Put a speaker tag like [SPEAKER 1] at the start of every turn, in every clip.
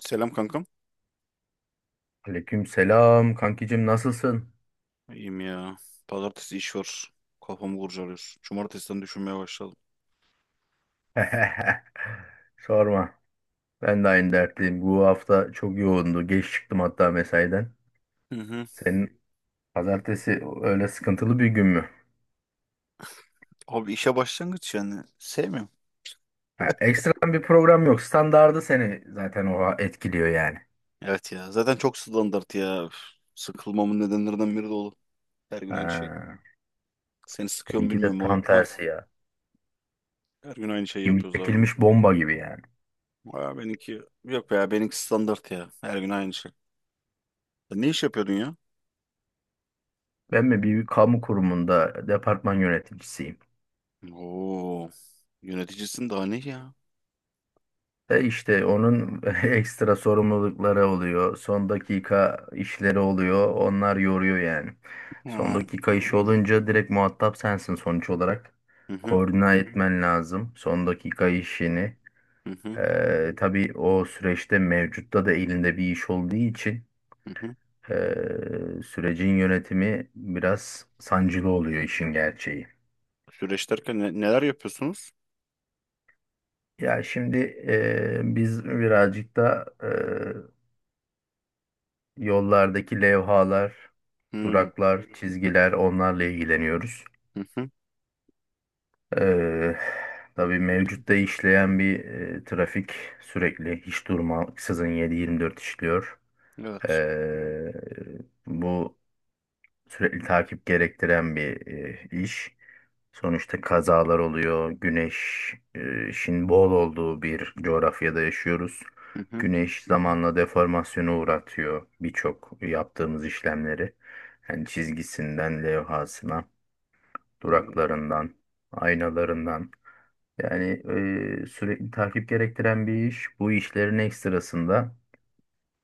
[SPEAKER 1] Selam kankam.
[SPEAKER 2] Aleyküm selam kankicim nasılsın?
[SPEAKER 1] İyiyim ya. Pazartesi iş var. Kafamı kurcalıyor. Cumartesiden düşünmeye başladım.
[SPEAKER 2] Sorma. Ben de aynı dertliyim. Bu hafta çok yoğundu. Geç çıktım hatta mesaiden.
[SPEAKER 1] Hı hı.
[SPEAKER 2] Senin pazartesi öyle sıkıntılı bir gün mü?
[SPEAKER 1] Abi işe başlangıç yani. Sevmiyorum.
[SPEAKER 2] Ha, ekstradan bir program yok. Standardı seni zaten o etkiliyor yani.
[SPEAKER 1] Evet ya. Zaten çok standart ya. Üf. Sıkılmamın nedenlerinden biri de o. Her gün aynı şey.
[SPEAKER 2] Ha,
[SPEAKER 1] Seni sıkıyor mu
[SPEAKER 2] seninki de
[SPEAKER 1] bilmiyorum
[SPEAKER 2] tam
[SPEAKER 1] o. Hah.
[SPEAKER 2] tersi ya.
[SPEAKER 1] Her gün aynı şeyi
[SPEAKER 2] Kimi
[SPEAKER 1] yapıyoruz abi.
[SPEAKER 2] çekilmiş bomba gibi yani.
[SPEAKER 1] Aa, benimki yok ya. Benimki standart ya. Her gün aynı şey. Sen ne iş yapıyordun ya?
[SPEAKER 2] Ben mi bir kamu kurumunda departman yöneticisiyim.
[SPEAKER 1] Oo. Yöneticisin daha ne ya?
[SPEAKER 2] E işte onun ekstra sorumlulukları oluyor. Son dakika işleri oluyor. Onlar yoruyor yani. Son
[SPEAKER 1] Ha.
[SPEAKER 2] dakika işi olunca direkt muhatap sensin sonuç olarak.
[SPEAKER 1] Hı hı.
[SPEAKER 2] Koordine etmen lazım son dakika işini.
[SPEAKER 1] Hı hı.
[SPEAKER 2] Tabii o süreçte mevcutta da elinde bir iş olduğu için
[SPEAKER 1] Hı hı.
[SPEAKER 2] e, sürecin yönetimi biraz sancılı oluyor işin gerçeği.
[SPEAKER 1] Süreç derken neler yapıyorsunuz?
[SPEAKER 2] Ya şimdi biz birazcık da yollardaki levhalar,
[SPEAKER 1] Hı.
[SPEAKER 2] duraklar, çizgiler onlarla ilgileniyoruz.
[SPEAKER 1] Hı hı.
[SPEAKER 2] Ee, tabii mevcutta işleyen bir trafik sürekli hiç durmaksızın 7-24 işliyor.
[SPEAKER 1] Evet.
[SPEAKER 2] Ee, Bu sürekli takip gerektiren bir iş. Sonuçta kazalar oluyor. Güneş, şimdi bol olduğu bir coğrafyada yaşıyoruz.
[SPEAKER 1] Hı hı.
[SPEAKER 2] Güneş zamanla deformasyona uğratıyor birçok yaptığımız işlemleri. Yani çizgisinden levhasına,
[SPEAKER 1] Hı
[SPEAKER 2] duraklarından, aynalarından. Yani sürekli takip gerektiren bir iş. Bu işlerin ekstrasında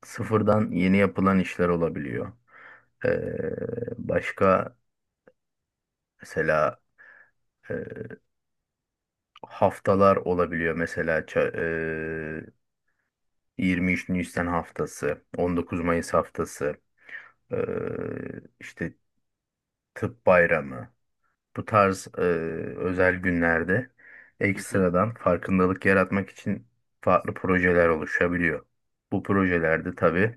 [SPEAKER 2] sıfırdan yeni yapılan işler olabiliyor. Ee, Başka mesela e, haftalar olabiliyor. Mesela 23 Nisan haftası, 19 Mayıs haftası, e, işte Tıp Bayramı. Bu tarz özel günlerde
[SPEAKER 1] hı.
[SPEAKER 2] ekstradan farkındalık yaratmak için farklı projeler oluşabiliyor. Bu projelerde tabii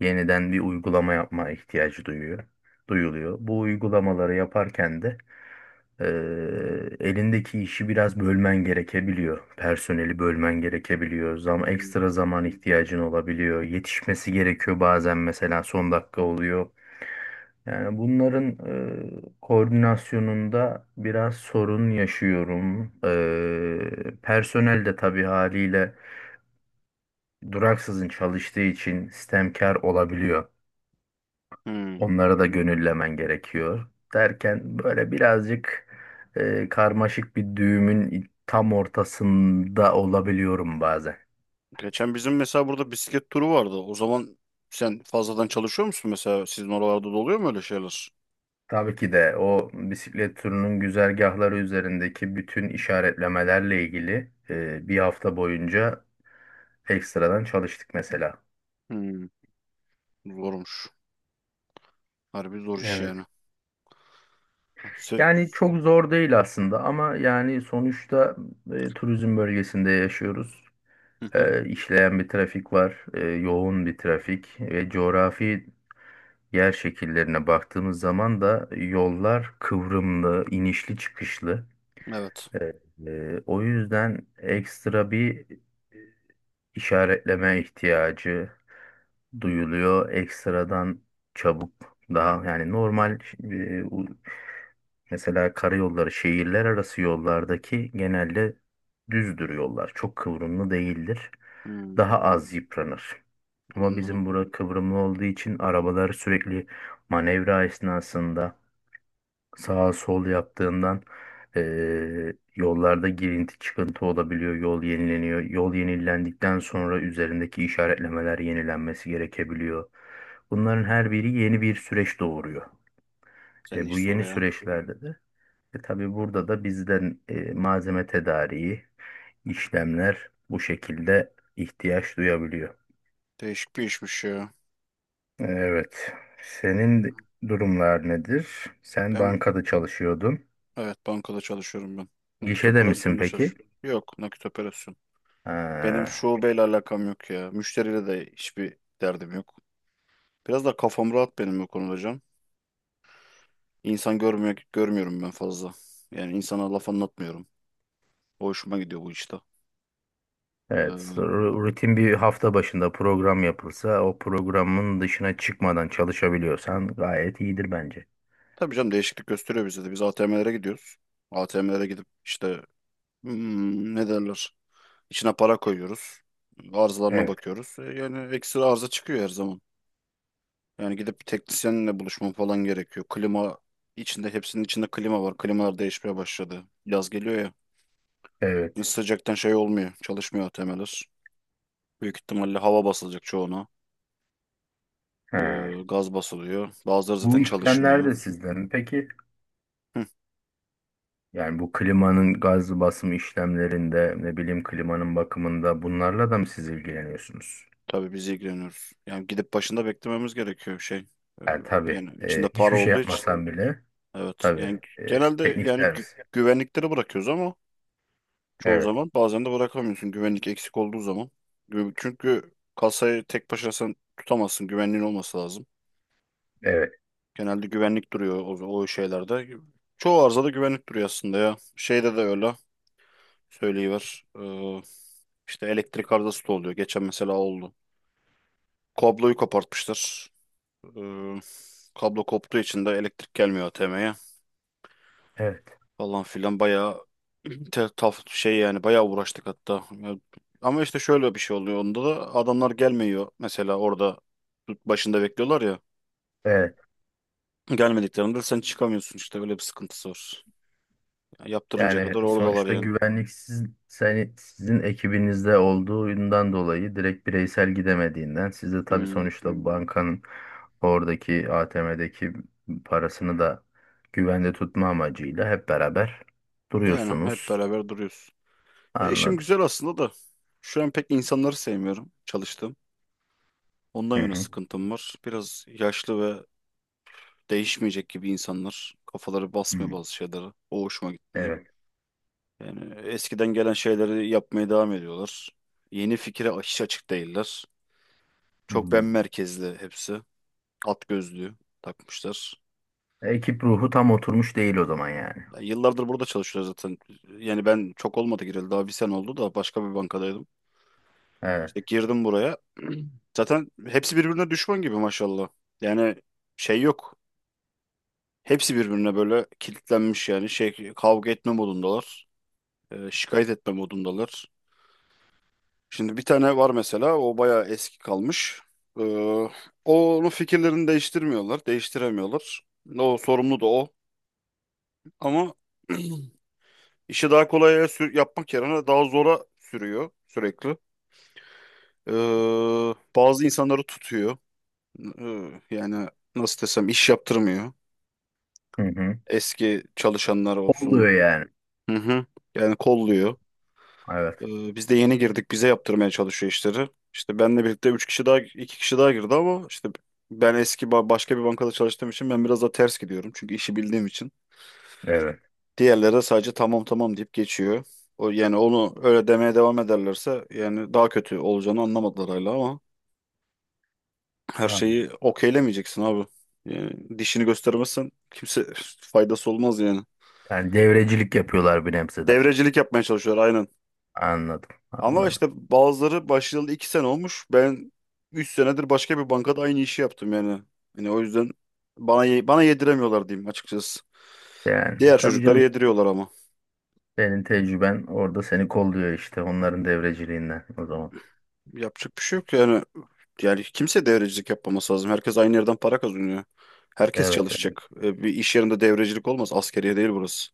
[SPEAKER 2] yeniden bir uygulama yapma ihtiyacı duyuyor, duyuluyor. Bu uygulamaları yaparken de Ee, elindeki işi biraz bölmen gerekebiliyor. Personeli bölmen gerekebiliyor.
[SPEAKER 1] Hı.
[SPEAKER 2] Ekstra zaman ihtiyacın olabiliyor. Yetişmesi gerekiyor bazen mesela son dakika oluyor. Yani bunların koordinasyonunda biraz sorun yaşıyorum. Personel de tabii haliyle duraksızın çalıştığı için sistemkar olabiliyor.
[SPEAKER 1] Hı.
[SPEAKER 2] Onları da gönüllemen gerekiyor. Derken böyle birazcık karmaşık bir düğümün tam ortasında olabiliyorum bazen.
[SPEAKER 1] Geçen bizim mesela burada bisiklet turu vardı. O zaman sen fazladan çalışıyor musun mesela? Sizin oralarda da oluyor mu öyle şeyler?
[SPEAKER 2] Tabii ki de o bisiklet turunun güzergahları üzerindeki bütün işaretlemelerle ilgili bir hafta boyunca ekstradan çalıştık mesela.
[SPEAKER 1] Hı. Zormuş. Harbi zor iş
[SPEAKER 2] Evet.
[SPEAKER 1] yani. Sen.
[SPEAKER 2] Yani çok zor değil aslında ama yani sonuçta turizm bölgesinde yaşıyoruz.
[SPEAKER 1] Hı hı.
[SPEAKER 2] İşleyen bir trafik var, yoğun bir trafik ve coğrafi yer şekillerine baktığımız zaman da yollar kıvrımlı, inişli çıkışlı.
[SPEAKER 1] Evet.
[SPEAKER 2] Ee, O yüzden ekstra bir işaretleme ihtiyacı duyuluyor. Ekstradan çabuk daha yani normal, mesela karayolları şehirler arası yollardaki genelde düzdür yollar. Çok kıvrımlı değildir.
[SPEAKER 1] Hı.
[SPEAKER 2] Daha az yıpranır. Ama
[SPEAKER 1] Anladım.
[SPEAKER 2] bizim bura kıvrımlı olduğu için arabalar sürekli manevra esnasında sağa sol yaptığından yollarda girinti çıkıntı olabiliyor. Yol yenileniyor. Yol yenilendikten sonra üzerindeki işaretlemeler yenilenmesi gerekebiliyor. Bunların her biri yeni bir süreç doğuruyor.
[SPEAKER 1] Senin
[SPEAKER 2] Bu
[SPEAKER 1] iş zor
[SPEAKER 2] yeni
[SPEAKER 1] ya.
[SPEAKER 2] süreçlerde de tabii burada da bizden malzeme tedariği, işlemler bu şekilde ihtiyaç duyabiliyor.
[SPEAKER 1] Değişik bir işmiş ya.
[SPEAKER 2] Evet. Senin durumlar nedir? Sen
[SPEAKER 1] Ben
[SPEAKER 2] bankada çalışıyordun.
[SPEAKER 1] evet bankada çalışıyorum ben. Nakit
[SPEAKER 2] Gişede misin
[SPEAKER 1] operasyonda
[SPEAKER 2] peki?
[SPEAKER 1] çalışıyorum. Yok nakit operasyon. Benim
[SPEAKER 2] Ha.
[SPEAKER 1] şubeyle alakam yok ya. Müşteriyle de hiçbir derdim yok. Biraz da kafam rahat benim bu konuda. İnsan görmüyor, görmüyorum ben fazla. Yani insana laf anlatmıyorum. O hoşuma gidiyor bu işte.
[SPEAKER 2] Evet,
[SPEAKER 1] Ee,
[SPEAKER 2] rutin bir hafta başında program yapılsa o programın dışına çıkmadan çalışabiliyorsan gayet iyidir bence.
[SPEAKER 1] tabii canım değişiklik gösteriyor bize de. Biz ATM'lere gidiyoruz. ATM'lere gidip işte ne derler? İçine para koyuyoruz. Arızalarına
[SPEAKER 2] Evet,
[SPEAKER 1] bakıyoruz. Yani ekstra arıza çıkıyor her zaman. Yani gidip bir teknisyenle buluşmam falan gerekiyor. Klima içinde hepsinin içinde klima var. Klimalar değişmeye başladı. Yaz geliyor ya. Şimdi
[SPEAKER 2] evet.
[SPEAKER 1] sıcaktan şey olmuyor. Çalışmıyor ATM'ler. Büyük ihtimalle hava basılacak çoğuna.
[SPEAKER 2] Ha.
[SPEAKER 1] Gaz basılıyor. Bazıları
[SPEAKER 2] Bu
[SPEAKER 1] zaten
[SPEAKER 2] işlemler
[SPEAKER 1] çalışmıyor.
[SPEAKER 2] de sizden mi peki?
[SPEAKER 1] Hı,
[SPEAKER 2] Yani bu klimanın gaz basımı işlemlerinde, ne bileyim klimanın bakımında bunlarla da mı siz ilgileniyorsunuz?
[SPEAKER 1] tabii biz ilgileniyoruz. Yani gidip başında beklememiz gerekiyor şey. Ee,
[SPEAKER 2] Yani
[SPEAKER 1] yani
[SPEAKER 2] tabii,
[SPEAKER 1] içinde para
[SPEAKER 2] hiçbir şey
[SPEAKER 1] olduğu için.
[SPEAKER 2] yapmasan bile
[SPEAKER 1] Evet. Yani
[SPEAKER 2] tabii,
[SPEAKER 1] genelde
[SPEAKER 2] teknik
[SPEAKER 1] yani
[SPEAKER 2] servis.
[SPEAKER 1] güvenlikleri bırakıyoruz ama çoğu
[SPEAKER 2] Evet,
[SPEAKER 1] zaman bazen de bırakamıyorsun güvenlik eksik olduğu zaman. Çünkü kasayı tek başına sen tutamazsın. Güvenliğin olması lazım.
[SPEAKER 2] evet,
[SPEAKER 1] Genelde güvenlik duruyor o şeylerde. Çoğu arzada güvenlik duruyor aslında ya. Şeyde de öyle. Söyleyiver. İşte elektrik arızası da oluyor. Geçen mesela oldu. Kabloyu kopartmışlar. Ee, kablo koptuğu için de elektrik gelmiyor ATM'ye
[SPEAKER 2] evet,
[SPEAKER 1] falan filan bayağı te- taf şey yani bayağı uğraştık hatta. Ama işte şöyle bir şey oluyor onda da adamlar gelmiyor. Mesela orada başında bekliyorlar ya.
[SPEAKER 2] evet.
[SPEAKER 1] Gelmediklerinde sen çıkamıyorsun işte öyle bir sıkıntısı var. Ya yaptırınca
[SPEAKER 2] Yani
[SPEAKER 1] kadar oradalar
[SPEAKER 2] sonuçta
[SPEAKER 1] yani.
[SPEAKER 2] güvenlik sizin, sizin ekibinizde olduğundan dolayı direkt bireysel gidemediğinden siz de tabii
[SPEAKER 1] Hmm.
[SPEAKER 2] sonuçta bankanın oradaki ATM'deki parasını da güvende tutma amacıyla hep beraber
[SPEAKER 1] Yani hep
[SPEAKER 2] duruyorsunuz.
[SPEAKER 1] beraber duruyoruz. E işim
[SPEAKER 2] Anladım.
[SPEAKER 1] güzel aslında da şu an pek insanları sevmiyorum çalıştığım. Ondan
[SPEAKER 2] Hı
[SPEAKER 1] yana
[SPEAKER 2] hı.
[SPEAKER 1] sıkıntım var. Biraz yaşlı ve değişmeyecek gibi insanlar. Kafaları basmıyor
[SPEAKER 2] Hmm.
[SPEAKER 1] bazı şeylere. O hoşuma gitmiyor.
[SPEAKER 2] Evet.
[SPEAKER 1] Yani eskiden gelen şeyleri yapmaya devam ediyorlar. Yeni fikre hiç açık değiller. Çok ben
[SPEAKER 2] Hmm.
[SPEAKER 1] merkezli hepsi. At gözlüğü takmışlar.
[SPEAKER 2] Ekip ruhu tam oturmuş değil o zaman yani.
[SPEAKER 1] Ya yıllardır burada çalışıyoruz zaten. Yani ben çok olmadı gireli. Daha bir sene oldu da başka bir bankadaydım. İşte
[SPEAKER 2] Evet.
[SPEAKER 1] girdim buraya. Zaten hepsi birbirine düşman gibi maşallah. Yani şey yok. Hepsi birbirine böyle kilitlenmiş yani şey kavga etme modundalar. Şikayet etme modundalar. Şimdi bir tane var mesela o bayağı eski kalmış. E, onun fikirlerini değiştirmiyorlar, değiştiremiyorlar. O sorumlu da o. Ama işi daha kolaya yapmak yerine daha zora sürüyor sürekli. E, bazı insanları tutuyor. E, yani nasıl desem iş yaptırmıyor.
[SPEAKER 2] Hı hı.
[SPEAKER 1] Eski çalışanlar olsun.
[SPEAKER 2] Oluyor yani.
[SPEAKER 1] Hı hı. Yani kolluyor.
[SPEAKER 2] Evet.
[SPEAKER 1] Biz de yeni girdik. Bize yaptırmaya çalışıyor işleri. İşte benle birlikte 3 kişi daha, 2 kişi daha girdi ama işte ben eski başka bir bankada çalıştığım için ben biraz da ters gidiyorum. Çünkü işi bildiğim için.
[SPEAKER 2] Evet.
[SPEAKER 1] Diğerleri de sadece tamam tamam deyip geçiyor. O, yani onu öyle demeye devam ederlerse yani daha kötü olacağını anlamadılar hala ama her
[SPEAKER 2] Anladım.
[SPEAKER 1] şeyi okeylemeyeceksin abi. Yani dişini göstermezsen kimse faydası olmaz yani.
[SPEAKER 2] Yani devrecilik yapıyorlar bir nebze de.
[SPEAKER 1] Devrecilik yapmaya çalışıyorlar aynen.
[SPEAKER 2] Anladım.
[SPEAKER 1] Ama
[SPEAKER 2] Anladım.
[SPEAKER 1] işte bazıları başlayalı iki sene olmuş. Ben üç senedir başka bir bankada aynı işi yaptım yani. Yani o yüzden bana yediremiyorlar diyeyim açıkçası.
[SPEAKER 2] Yani
[SPEAKER 1] Diğer
[SPEAKER 2] tabii
[SPEAKER 1] çocuklara
[SPEAKER 2] canım
[SPEAKER 1] yediriyorlar ama.
[SPEAKER 2] senin tecrüben orada seni kolluyor işte onların devreciliğinden o zaman.
[SPEAKER 1] Yapacak bir şey yok yani. Yani kimse devrecilik yapmaması lazım. Herkes aynı yerden para kazanıyor. Herkes
[SPEAKER 2] Evet, evet,
[SPEAKER 1] çalışacak. Bir iş yerinde devrecilik olmaz. Askeriye değil burası.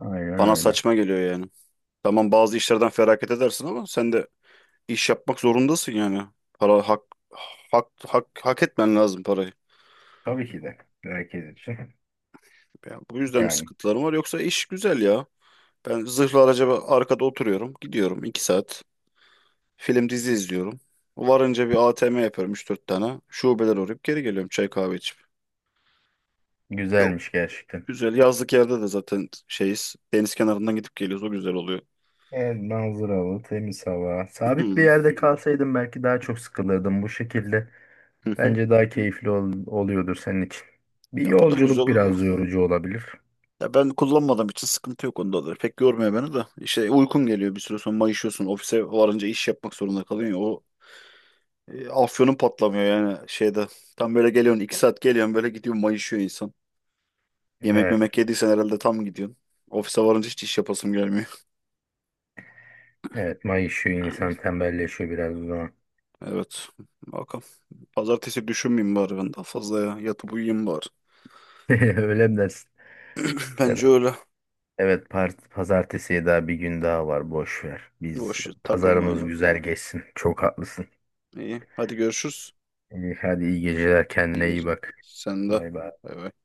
[SPEAKER 2] aynen
[SPEAKER 1] Bana
[SPEAKER 2] öyle.
[SPEAKER 1] saçma geliyor yani. Tamam bazı işlerden feragat edersin ama sen de iş yapmak zorundasın yani. Para hak etmen lazım parayı.
[SPEAKER 2] Tabii ki de herkes için.
[SPEAKER 1] Ya bu yüzden bir
[SPEAKER 2] Yani
[SPEAKER 1] sıkıntılarım var. Yoksa iş güzel ya. Ben zırhlı araca arkada oturuyorum. Gidiyorum 2 saat. Film dizi izliyorum. Varınca bir ATM yapıyorum üç dört tane. Şubeler uğrayıp geri geliyorum çay kahve içip. Yok.
[SPEAKER 2] güzelmiş gerçekten.
[SPEAKER 1] Güzel. Yazlık yerde de zaten şeyiz. Deniz kenarından gidip geliyoruz. O güzel oluyor.
[SPEAKER 2] Evet, manzaralı, temiz hava. Sabit bir
[SPEAKER 1] Hı
[SPEAKER 2] yerde kalsaydım belki daha çok sıkılırdım bu şekilde.
[SPEAKER 1] hı.
[SPEAKER 2] Bence daha keyifli oluyordur senin için. Bir
[SPEAKER 1] Ya bu da güzel
[SPEAKER 2] yolculuk
[SPEAKER 1] olur da.
[SPEAKER 2] biraz yorucu olabilir.
[SPEAKER 1] Ya ben kullanmadığım için sıkıntı yok onda da. Pek yormuyor beni de. İşte uykum geliyor bir süre sonra mayışıyorsun. Ofise varınca iş yapmak zorunda kalıyorsun ya. O, afyonun patlamıyor yani şeyde. Tam böyle geliyorsun iki saat geliyorsun böyle gidiyorsun mayışıyor insan. Yemek
[SPEAKER 2] Evet.
[SPEAKER 1] memek yediysen herhalde tam gidiyorsun. Ofise varınca hiç iş yapasım gelmiyor.
[SPEAKER 2] Evet, mayışıyor insan tembelleşiyor biraz o zaman.
[SPEAKER 1] Evet. Bakalım. Pazartesi düşünmeyeyim bari ben daha fazla ya. Yatıp uyuyayım bari.
[SPEAKER 2] Öyle mi dersin?
[SPEAKER 1] Bence öyle.
[SPEAKER 2] Evet, pazartesiye daha bir gün daha var. Boş ver. Biz
[SPEAKER 1] Boş takılma
[SPEAKER 2] pazarımız
[SPEAKER 1] oyunu.
[SPEAKER 2] güzel geçsin. Çok haklısın.
[SPEAKER 1] İyi. Hadi görüşürüz.
[SPEAKER 2] İyi, hadi iyi geceler.
[SPEAKER 1] İyi
[SPEAKER 2] Kendine iyi
[SPEAKER 1] geceler.
[SPEAKER 2] bak.
[SPEAKER 1] Sen de.
[SPEAKER 2] Bay bay.
[SPEAKER 1] Bay bay.